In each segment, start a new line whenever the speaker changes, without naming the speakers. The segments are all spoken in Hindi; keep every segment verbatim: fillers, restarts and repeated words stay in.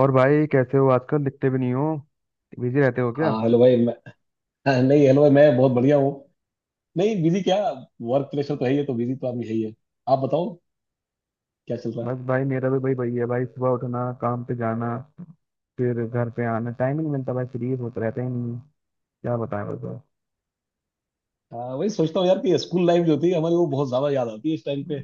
और भाई कैसे हो? आजकल दिखते भी नहीं हो। बिजी रहते हो क्या?
हाँ, हेलो भाई, मैं नहीं, हेलो भाई, मैं बहुत बढ़िया हूँ। नहीं, बिजी क्या? वर्क प्रेशर तो है ही है, तो बिजी तो आदमी है ही है। आप बताओ, क्या चल रहा है?
बस भाई, मेरा भी भाई वही है, भाई सुबह उठना, काम पे जाना, फिर घर पे आना। टाइम ही नहीं मिलता भाई, फ्री होता रहता ही नहीं है। क्या बताएं, बताओ।
हाँ, वही सोचता हूँ यार कि स्कूल लाइफ जो थी हमारी वो बहुत ज्यादा याद आती है इस टाइम पे।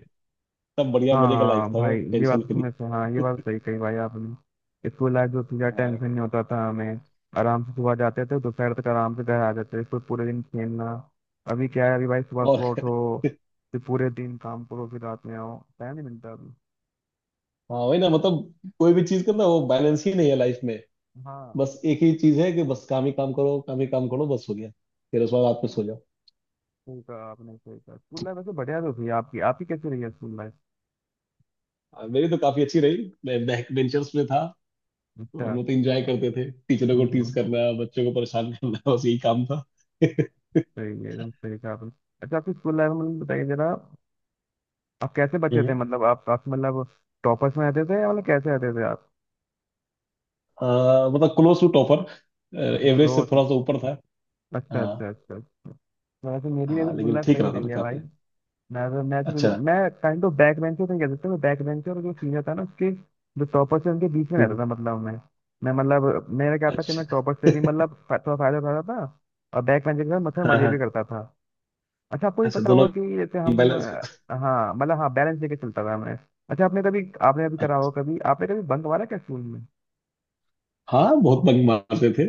तब बढ़िया मजे का
हाँ
लाइफ था, वो
भाई, ये
टेंशन
बात तो
फ्री।
तुमने सही- हाँ, ये बात सही कही भाई आपने। स्कूल लाइफ जो थी, ज़्यादा टेंशन
हाँ।
नहीं होता था हमें। आराम से सुबह जाते थे, दोपहर तक आराम से घर आ जाते थे, फिर पूरे दिन खेलना। अभी क्या है, अभी भाई सुबह सुबह
और।
उठो, फिर पूरे दिन काम करो, फिर रात में आओ। टाइम नहीं मिलता अभी।
हाँ, वही ना, मतलब कोई भी चीज का ना वो बैलेंस ही नहीं है लाइफ में।
हाँ,
बस एक ही चीज है कि बस काम ही काम करो, काम ही काम करो, बस हो गया। फिर उस बाद रात में सो जाओ।
स्कूल का आपने सही कहा। स्कूल लाइफ वैसे बढ़िया तो थी आपकी आपकी कैसी रही है स्कूल लाइफ?
हाँ, मेरी तो काफी अच्छी रही, मैं बैक बेंचर्स में था। तो हम
अच्छा।
लोग तो इंजॉय करते थे, टीचरों को
हम्म,
टीज
हम्म।
करना, बच्चों को परेशान करना बस यही काम था।
सही है, एकदम सही कहा आपने। अच्छा, आपकी स्कूल लाइफ में बताइए जरा, आप कैसे बच्चे थे?
हम्म।
मतलब, आप आप मतलब टॉपर्स में रहते थे? या मतलब कैसे रहते थे आप?
अह, मतलब क्लोज टू टॉपर। एवरेज से
क्लोज।
थोड़ा सा ऊपर था।
अच्छा
हाँ।
अच्छा अच्छा अच्छा। वैसे मेरी,
हाँ,
वैसे स्कूल
लेकिन
लाइफ
ठीक
सही
रहा था
रही
मैं
है
काफी।
भाई। मैं तो मैं
अच्छा।
तो- मैं काइंड ऑफ बैक बेंचर नहीं कह सकता। मैं बैक बेंचर और जो सीनियर था ना उसके, जो टॉपर, से उनके बीच में रहता
हम्म,
था। मतलब मैं मैं मतलब, मेरा क्या था कि मैं टॉपर
अच्छा।
से भी मतलब फा- थोड़ा फायदा उठाता था। और बैक बेंचर के साथ मतलब
हाँ,
मजे
हाँ।
भी करता था। अच्छा, आपको भी
अच्छा,
पता
दोनों
होगा कि जैसे हम
बैलेंस।
अ, हाँ मतलब हाँ, बैलेंस लेके चलता था मैं। अच्छा, आपने कभी, आपने अभी करा होगा, कभी आपने कभी बंक मारा क्या स्कूल में?
हाँ, बहुत बंक मारते थे।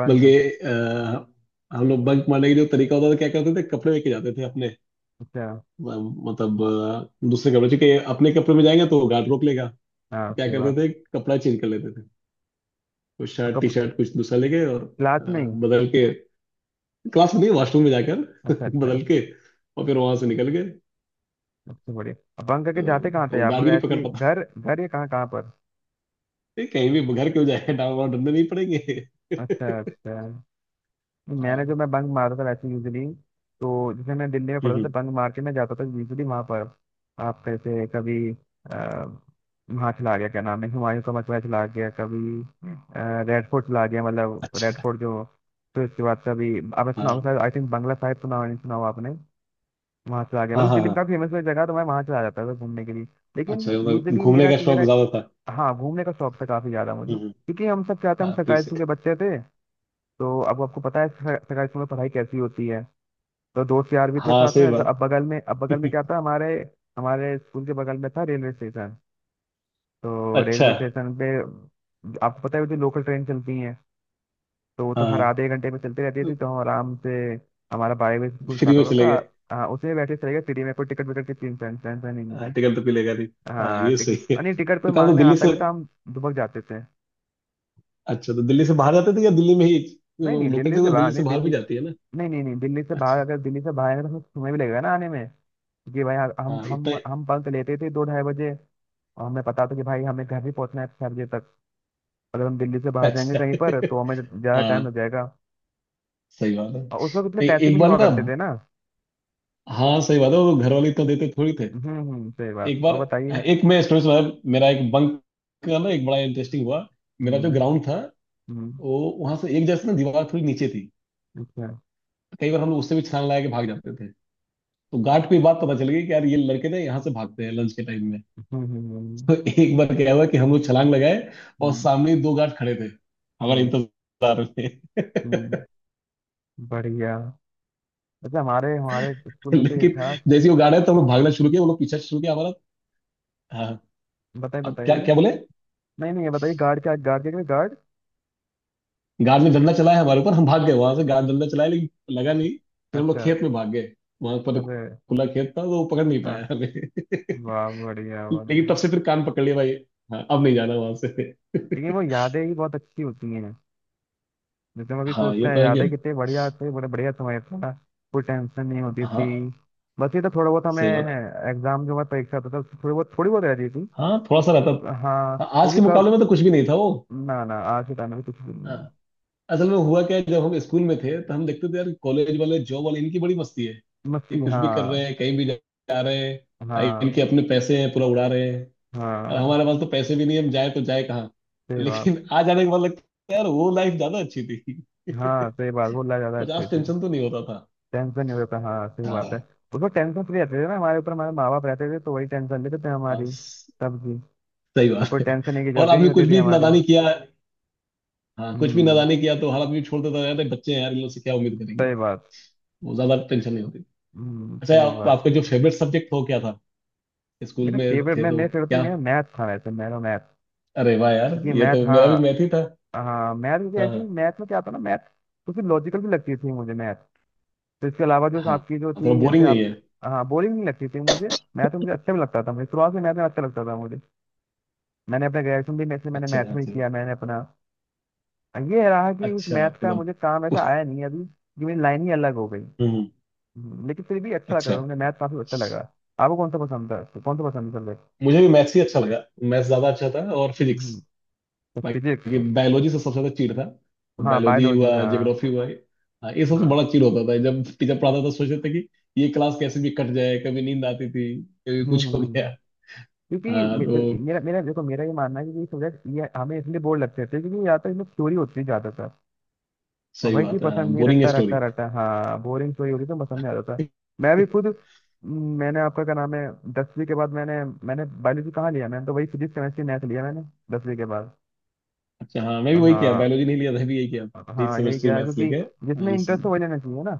बंक।
बल्कि अह, हम लोग बंक मारने के जो तरीका होता था, क्या करते थे कपड़े लेके जाते थे अपने।
अच्छा,
म- मतलब अह, दूसरे कपड़े, क्योंकि अपने कपड़े में जाएंगे तो गार्ड रोक लेगा।
हाँ
क्या
सही
करते
बात।
थे, कपड़ा चेंज कर लेते थे। कुछ शर्ट टी
कब?
शर्ट कुछ दूसरा ले गए, और
क्लास
अ,
में ही?
बदल के। क्लास में नहीं, वॉशरूम में जाकर
अच्छा, अच्छा।
बदल के। और फिर वहां से निकल गए।
सबसे बढ़िया बंक करके
तो
जाते कहाँ थे
वो
आप?
गार्ड
मतलब
भी नहीं
ऐसे
पकड़
ही
पाता।
घर घर, या कहाँ कहाँ?
ये कहीं भी घर क्यों जाए, डांव वाव ढूंढने नहीं पड़ेंगे।
अच्छा अच्छा। नहीं, मैंने जो
हाँ।
मैं बंक मारता था वैसे यूजली, तो जैसे मैं दिल्ली में
हम्म, हम्म।
पढ़ता था, बंक मार के मैं जाता था यूजली वहाँ पर। आप कैसे कभी? आ, वहाँ चला गया, क्या नाम है, हुमायूं का मकबरा चला गया कभी। अ, रेड फोर्ट चला गया। मतलब रेड
अच्छा।
फोर्ट जो, फिर उसके बाद कभी, आपने सुना
हाँ,
होगा, आई थिंक बंगला साहिब सुना होगा- नहीं सुना हुआ आपने? वहाँ चला गया।
हाँ,
मतलब
हाँ।
दिल्ली में
हाँ,
काफ़ी फेमस हुई जगह, तो मैं वहाँ चला जाता था घूमने के लिए। लेकिन
अच्छा, मतलब
यूजली
घूमने
मेरा
का
मेरा
शौक ज्यादा था।
हाँ घूमने का शौक था काफ़ी ज़्यादा मुझे।
हम्म, हम्म।
क्योंकि हम सब क्या था, हम
हाँ, फिर
सरकारी
से।
स्कूल के बच्चे थे। तो अब आपको पता है, सर- सरकारी स्कूल में पढ़ाई कैसी होती है। तो दोस्त यार भी थे
हाँ,
साथ
सही
में, तो
बात।
अब बगल में अब बगल में क्या था हमारे, हमारे स्कूल के बगल में था रेलवे स्टेशन। तो
अच्छा।
रेलवे स्टेशन पे, आपको पता है जो लोकल ट्रेन चलती हैं, तो वो तो हर
हाँ।
आधे घंटे में चलती रहती
तो
थी। तो हम आराम से, हमारा बारह बजे स्कूल
फ्री
स्टार्ट
में
होता
चले गए।
था, हाँ उसी में बैठे चले गए फ्री में। कोई टिकट विकट की टेंशन, टेंशन ही नहीं।
हाँ, टिकट तो पिलेगा नहीं। हाँ,
हाँ
ये
टिकट
सही है।
अ, नहीं टिकट कोई
तो कहा तो
मांगने
दिल्ली
आता
से।
भी था, हम दुबक जाते थे।
अच्छा, तो दिल्ली से बाहर जाते थे या दिल्ली में ही?
नहीं नहीं,
लोकल ट्रेन
दिल्ली से
तो
बाहर
दिल्ली से
नहीं,
बाहर
दिल्ली।
भी जाती है ना।
नहीं नहीं नहीं, दिल्ली से बाहर,
अच्छा।
अगर दिल्ली से बाहर आएंगे तो हमें समय भी लगेगा ना आने में। जी भाई, हाँ, हम
हाँ, इतना।
हम हम बंक लेते थे दो ढाई बजे। और हमें पता था कि भाई हमें घर भी पहुंचना है छह बजे तक। अगर हम दिल्ली से बाहर जाएंगे
अच्छा
कहीं पर,
है।
तो हमें ज़्यादा टाइम
हाँ।
लग जाएगा।
सही बात है।
और उस वक्त इतने
नहीं,
पैसे भी
एक
नहीं
बार
हुआ
ना।
करते थे ना।
हाँ, सही बात है, वो घर वाले इतना देते थोड़ी थे।
हम्म हम्म, सही बात।
एक
और
बार,
बताइए।
एक मैं स्टोरी सुना। मेरा एक बंक का ना एक बड़ा इंटरेस्टिंग हुआ। मेरा जो
हम्म
ग्राउंड था,
हम्म।
वो वहां से एक जैसे ना, दीवार थोड़ी नीचे थी।
अच्छा।
कई बार हम लोग उससे भी छलांग लगा के भाग जाते थे। तो गार्ड को ये बात पता चल गई कि यार ये लड़के ना यहाँ से भागते हैं लंच के टाइम में।
हम्म हम्म हम्म
तो एक बार क्या हुआ कि हम लोग छलांग लगाए, और
हम्म
सामने ही दो गार्ड खड़े थे हमारे
हम्म,
इंतजार में।
हम्म, बढ़िया। अच्छा, हमारे हमारे स्कूल में तो ये
लेकिन
था।
जैसे ही वो गार्ड आए तो हम लोग भागना शुरू किया, वो लोग पीछा शुरू किया हमारा। हाँ।
बताइए
अब क्या
बताइए।
क्या बोले।
नहीं नहीं, ये बताइए, गार्ड क्या, गार्ड क्या, गार्ड?
गार्ड ने डंडा चलाया हमारे ऊपर, हम भाग गए वहां से, गार्ड डंडा चलाया लेकिन लगा नहीं। फिर हम लोग
अच्छा।
खेत में भाग गए। वहां पर तो
अरे।
खुला खेत था, तो वो पकड़ नहीं पाया
हाँ।
हमें।
वाह, बढ़िया
लेकिन
बढ़िया।
तब से फिर कान पकड़ लिया भाई, हाँ, अब नहीं जाना वहां से।
लेकिन वो यादें ही बहुत अच्छी होती हैं। जैसे हम अभी
हाँ,
सोचते
ये
हैं,
तो है कि।
यादें कितनी बढ़िया थे, बड़े बढ़िया समय था। कोई टेंशन नहीं होती
हाँ,
थी। बस ये तो थोड़ा बहुत हमें
सही बात है।
एग्जाम, जो हमारी परीक्षा होता था, उसमें थोड़ी बहुत थोड़ी बहुत रहती थी।
हाँ, थोड़ा सा रहता। हाँ,
हाँ वो
आज
भी
के मुकाबले में
कब।
तो कुछ भी नहीं था वो।
ना ना, आज के टाइम में कुछ भी नहीं
हाँ।
है।
असल में हुआ क्या है, जब हम स्कूल में थे, तो हम देखते थे यार कॉलेज वाले जॉब वाले इनकी बड़ी मस्ती है। ये
मस्ती,
कुछ
हाँ।
भी कर रहे हैं, कहीं भी जा जा रहे हैं। आ, इनके
हाँ
अपने पैसे हैं, पूरा उड़ा रहे हैं।
हाँ,
और हमारे पास तो पैसे भी नहीं, हम जाए तो जाए कहाँ?
सही बात।
लेकिन आ जाने के बाद लगता है यार वो लाइफ ज्यादा अच्छी थी।
हाँ सही बात, वो लग ज्यादा अच्छी
पचास
थी।
टेंशन तो नहीं होता था।
टेंशन नहीं होता, हाँ सही बात है।
हाँ।
उसमें टेंशन फ्री रहते थे ना, हमारे ऊपर हमारे माँ बाप रहते थे, तो वही टेंशन लेते थे
हाँ,
हमारी, तब की।
सही
तो
बात
कोई
है।
टेंशन की
और
जरूरत ही नहीं
आपने कुछ
होती थी
भी
हमारी।
नादानी किया, हाँ, कुछ भी
हम्म,
नादानी किया तो हर आदमी छोड़ देता था, यार ये बच्चे हैं यार, इन लोग से क्या उम्मीद करेंगे।
सही बात।
वो ज्यादा टेंशन नहीं होती।
हम्म,
अच्छा,
सही
आप,
बात
आपका जो
है।
फेवरेट सब्जेक्ट हो क्या था? स्कूल
मेरा
में
फेवरेट
थे
मैं
तो
मेरे फेवरेट तो,
क्या?
मेरा मैथ था, वैसे मेरा मैथ,
अरे वाह यार,
क्योंकि
ये
मैथ,
तो मेरा
हाँ।
भी मैथ ही था।
हाँ मैथ, क्योंकि
हाँ,
एक्चुअली
हाँ,
मैथ में क्या था ना, मैथ कुछ लॉजिकल भी लगती थी मुझे मैथ। तो इसके अलावा जो
हाँ।
आपकी जो
थोड़ा
थी, जैसे
बोरिंग नहीं
आप,
है?
हाँ बोरिंग नहीं लगती थी मुझे। मैथ मुझे अच्छा भी लगता था, मुझे शुरुआत से मैथ में अच्छा लगता था मुझे। मैंने अपना ग्रेजुएशन भी मैथ, मैंने
अच्छा
मैथ
था,
में ही
अच्छा था।
किया मैंने अपना। ये रहा कि उस
अच्छा,
मैथ का
मतलब।
मुझे काम ऐसा आया नहीं अभी, कि मेरी लाइन ही अलग हो गई।
हम्म।
हम्म, लेकिन फिर भी अच्छा
अच्छा।
लगा मुझे, मैथ काफी अच्छा लगा। आपको कौन सा पसंद था, कौन सा पसंद
मुझे भी मैथ्स ही अच्छा लगा। मैथ्स ज्यादा अच्छा था, और फिजिक्स।
था? फिजिक्स,
बाकी बायोलॉजी से सबसे ज्यादा चीड़ था।
हाँ।
बायोलॉजी
बायोलॉजी,
हुआ,
हाँ
ज्योग्राफी हुआ, हाँ, ये सबसे
हाँ।
बड़ा चीड़ होता था, जब टीचर पढ़ाता था सोचते थे कि ये क्लास कैसे भी कट जाए, कभी नींद आती थी, कभी
हम्म हम्म
कुछ
हम्म,
हो
हम्म।
गया।
क्योंकि
हाँ,
मे-
तो
मेरा मेरा देखो, मेरा ये मानना है कि ये सब्जेक्ट ये हमें इसलिए बोर लगते थे, क्योंकि या तो इसमें थ्योरी होती है ज्यादातर, और
सही
वही चीज
बात है। हाँ,
पसंद नहीं,
बोरिंग है
रटता रटता
स्टोरी।
रटता, हाँ बोरिंग थ्योरी होती तो पसंद नहीं आता था। मैं भी खुद, म, मैंने, आपका क्या नाम है, दसवीं के बाद मैंने मैंने बायोलॉजी कहाँ लिया? मैंने तो वही फिजिक्स केमिस्ट्री मैथ लिया मैंने, दसवीं के बाद।
अच्छा, हाँ, मैं भी वही किया,
हाँ
बायोलॉजी नहीं लिया, था भी यही किया। एक
हाँ, यही
सेमेस्ट्री
क्या है,
मैथ्स
क्योंकि
लेके, हाँ,
जिसमें
ये सही
इंटरेस्ट हो
है।
वही लेना चाहिए ना।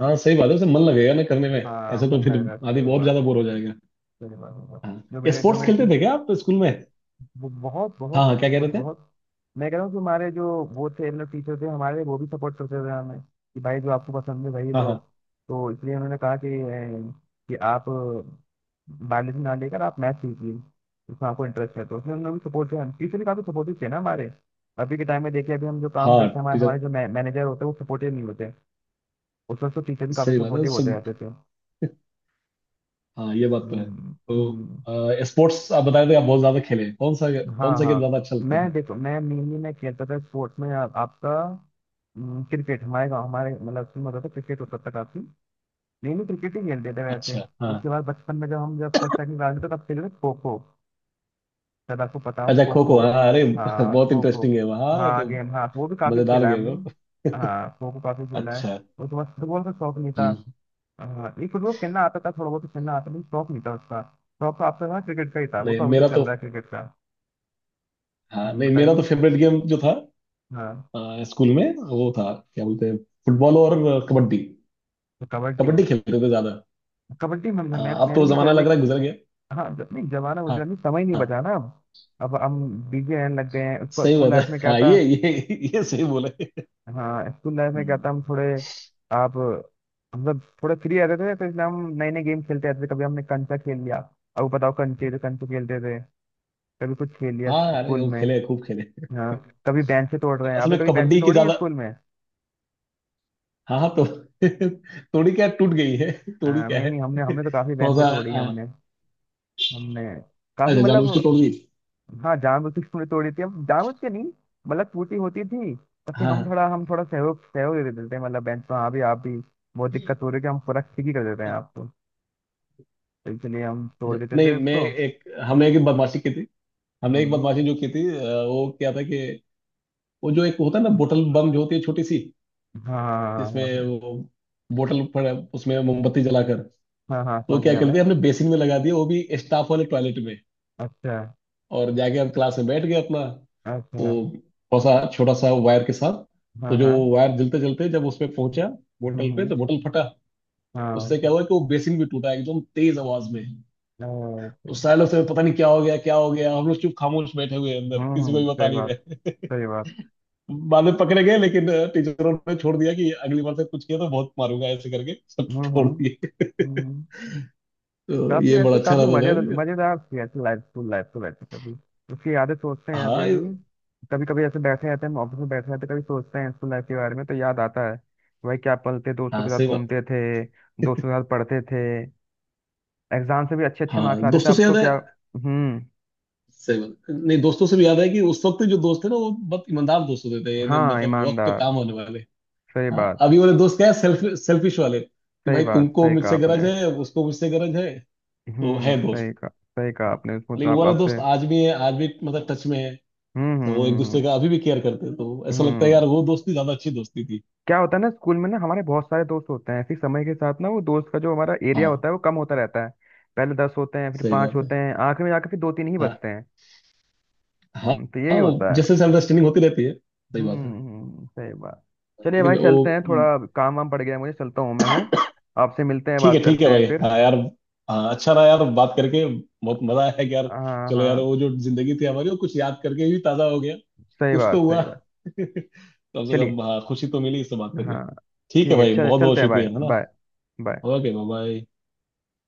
हाँ, सही बात है, उसे मन लगेगा ना करने में।
हाँ
ऐसे तो
मन
फिर
लगेगा,
आदमी
सही
बहुत ज्यादा
बात।
बोर हो जाएगा।
सही बात, सही बात।
हाँ,
जो
ये
मेरे जो
स्पोर्ट्स
मेरे
खेलते थे
टीचर
क्या आप स्कूल में?
वो बहुत
हाँ,
बहुत
हाँ, क्या कह
सपोर्ट,
रहे थे?
बहुत। मैं कह रहा हूँ कि हमारे जो वो थे, मतलब टीचर थे हमारे, वो भी सपोर्ट करते थे हमें कि भाई जो आपको पसंद है वही
हाँ,
लो।
हाँ,
तो इसलिए उन्होंने कहा कि अ, कि आप बायोलॉजी ना लेकर आप मैथ लीजिए, उसमें आपको इंटरेस्ट है। तो उसमें उन्होंने भी सपोर्ट किया, टीचर भी काफी सपोर्टिव थे ना हमारे। अभी के टाइम में देखिए, अभी हम जो काम
हाँ,
करते हैं, हमारे
टीचर।
हमारे जो मैनेजर होते हैं वो सपोर्टिव नहीं होते। उस वक्त तो टीचर भी काफी
सही बात है
सपोर्टिव होते
सब।
रहते थे।
हाँ, ये बात तो है,
हम्म हम्म।
तो स्पोर्ट्स आप बताए थे, आप बहुत ज्यादा खेले कौन सा?
हाँ
कौन सा गेम
हाँ।
ज्यादा अच्छा लगता
मैं
था?
देखो, मैं मेनली मैं खेलता था स्पोर्ट्स में। आ, आपका, हम्म, क्रिकेट। हमारे गाँव हमारे मतलब उसमें होता था, क्रिकेट होता था काफी, मेनली क्रिकेट ही खेलते थे वैसे।
अच्छा, हाँ।
उसके बाद बचपन में, जब हम जब फर्स्ट सेकंड क्लास में थे, तब खेलते थे खो खो। शायद आपको पता हो
अच्छा,
खो
खो
खो।
खो, हाँ, अरे
हाँ,
बहुत
खो खो।
इंटरेस्टिंग है वहाँ
हाँ
तो।
गेम, हाँ, वो भी काफी
मजेदार
खेला है
गेम
हमने।
है।
हाँ खो खो काफी खेला है।
अच्छा।
उसके बाद फुटबॉल का शौक नहीं था।
हम्म।
हाँ, ये फुटबॉल खेलना आता था, थोड़ा बहुत तो खेलना आता था, लेकिन शौक नहीं था उसका। शौक तो आपका था क्रिकेट का ही, था, वो
नहीं,
तो अभी
मेरा
तक चल
तो।
रहा है क्रिकेट का।
हाँ,
हम्म,
नहीं, मेरा तो
बताइए।
फेवरेट गेम जो था
हाँ,
अ, स्कूल में, वो था क्या बोलते हैं, फुटबॉल और कबड्डी।
तो कबड्डी।
कबड्डी खेलते थे ज्यादा।
कबड्डी मैं, मैं,
अ,
मैं-
अब तो
मैंने
वो
भी खेला,
जमाना लग रहा
लेकिन
है गुजर गया।
हाँ जब नहीं, जमाना
हाँ।
गुजरा नहीं, समय नहीं
हाँ,
बचा ना। अब अब हम बिजी रहने लग गए हैं, उसको
सही
स्कूल
बात है,
लाइफ में क्या
हाँ।
था।
ये ये ये सही बोले।
हाँ, स्कूल लाइफ में क्या था,
हम्म।
हम थोड़े, आप मतलब थोड़े फ्री रहते थे, तो इसलिए हम नए नए गेम खेलते रहते थे। कभी हमने कंचा खेल लिया, अब बताओ, कंचे तो कंचे खेलते थे, कभी कुछ खेल लिया
हाँ, अरे
स्कूल
वो
में।
खेले, खूब खेले।
हाँ, कभी बेंचें तोड़ रहे हैं,
असल
आपने
में
कभी बेंचें
कबड्डी की
तोड़ी हैं
ज्यादा।
स्कूल में?
हाँ, हाँ, तो तोड़ी क्या, टूट गई है। तोड़ी
हाँ,
क्या
नहीं
है,
नहीं, हमने हमने तो काफी
थोड़ा
बेंचें
सा
तोड़ी हैं
अ,
हमने, हमने काफी
अच्छा, जानबूझ के तोड़
मतलब,
दी।
हाँ जानबूझ के हमने तोड़ी थी, अब जानबूझ के नहीं, मतलब टूटी होती थी, तब कि
हाँ,
हम
हाँ।
थोड़ा हम थोड़ा सहयोग सहयोग दे देते हैं, मतलब बेंच पर हाँ, भी आप भी बहुत दिक्कत हो रही है, कि हम पूरा ठीक ही कर देते हैं आपको। तो इसलिए हम तोड़
अच्छा,
देते
नहीं,
थे
मैं
उसको।
एक हमने एक बदमाशी की थी। हमने एक
हम्म।
बदमाशी जो की थी, अ, वो क्या था कि वो जो एक होता है ना, बोतल बम जो होती है छोटी सी,
हाँ हाँ हाँ
जिसमें
हाँ
वो बोतल पड़ा, उसमें मोमबत्ती जलाकर, तो
हाँ हाँ हाँ,
वो
समझ
क्या
गया
करते
मैं।
हैं, हमने बेसिन में लगा दिया वो भी, स्टाफ वाले टॉयलेट में।
अच्छा
और जाके हम क्लास में बैठ गए अपना। वो
अच्छा।
थोड़ा सा, छोटा सा वायर के साथ।
हाँ
तो जो
हाँ।
वायर जलते जलते जब उस पे पहुंचा,
हम्म
बोतल पे,
हम्म।
तो बोतल फटा।
हाँ।
उससे क्या हुआ कि वो बेसिन भी टूटा, एकदम तेज आवाज में।
ओके।
उस सालों से पता नहीं क्या हो गया, क्या हो गया, हम लोग चुप खामोश बैठे हुए हैं अंदर,
हम्म
किसी को
हम्म,
भी
सही
बता नहीं
बात,
रहे।
सही बात।
बाद में पकड़े गए लेकिन अ, टीचरों ने छोड़ दिया कि अगली बार से कुछ किया तो बहुत मारूंगा, ऐसे करके सब
हम्म
छोड़
हम्म
दिए।
हम्म।
तो
काफी
ये बड़ा
वैसे
अच्छा
काफी
रहता
मजे,
था।
मजेदार थी ऐसे लाइफ, स्कूल लाइफ तो, वैसे कभी उसकी यादें सोचते हैं अभी
हाँ,
अभी, कभी कभी ऐसे बैठे रहते हैं हम, ऑफिस में बैठे रहते हैं, कभी सोचते हैं स्कूल लाइफ के बारे में तो याद आता है, भाई क्या पल थे, दोस्तों
हाँ,
के साथ
सही बात।
घूमते थे, दोस्तों के साथ पढ़ते थे, एग्जाम से भी अच्छे अच्छे
हाँ,
मार्क्स आते थे,
दोस्तों
अब
से
तो
याद है।
क्या। हम्म।
सही बात, नहीं, दोस्तों से भी याद है कि उस वक्त जो दोस्त थे ना वो बहुत ईमानदार दोस्त होते थे, यानी
हाँ,
मतलब वक्त पे
ईमानदार,
काम होने वाले।
सही
हाँ,
बात,
अभी वाले दोस्त क्या है, सेल्फ सेल्फिश वाले, कि
सही
भाई
बात,
तुमको
सही कहा
मुझसे गरज
आपने।
है, उसको मुझसे गरज है। तो
हम्म,
है दोस्त।
सही कहा। सही कहा
हाँ,
आपने, उसमें तो
लेकिन वो
आप
वाला दोस्त
आपसे
आज भी है, आज भी मतलब टच में है।
हम्म
तो वो एक दूसरे
हम्म
का अभी भी केयर करते हैं, तो
हम्म,
ऐसा लगता है
हम्म।
यार वो दोस्ती ज्यादा अच्छी दोस्ती थी।
क्या होता है ना, स्कूल में ना हमारे बहुत सारे दोस्त होते हैं, फिर समय के साथ ना वो दोस्त का जो हमारा एरिया
हाँ,
होता है वो कम होता रहता है, पहले दस होते हैं, फिर
सही
पांच
बात
होते
है।
हैं, आखिर में जाकर फिर दो तीन ही
हाँ।
बचते हैं।
हाँ,
हम्म, तो यही
हाँ, वो
होता है।
जैसे अंडरस्टैंडिंग होती रहती है, सही बात है।
हम्म हम्म, सही बात। चलिए भाई,
लेकिन वो,
चलते हैं, थोड़ा
हम्म।
काम वाम पड़ गया है, मुझे चलता हूँ मैं, हैं? आपसे मिलते हैं,
ठीक है,
बात
ठीक है
करते हैं
भाई,
फिर।
हाँ यार। हाँ, अच्छा रहा यार बात करके, बहुत मजा आया कि यार।
हाँ
चलो यार,
हाँ,
वो जो जिंदगी थी हमारी वो कुछ याद करके भी ताजा हो गया।
सही
कुछ
बात,
तो हुआ
सही बात।
कम से
चलिए,
कम, हाँ, खुशी तो मिली इससे बात करके।
हाँ।
ठीक है
ठीक है,
भाई,
चल
बहुत बहुत
चलते हैं। बाय
शुक्रिया, है ना?
Bye. Bye.
Okay, bye bye.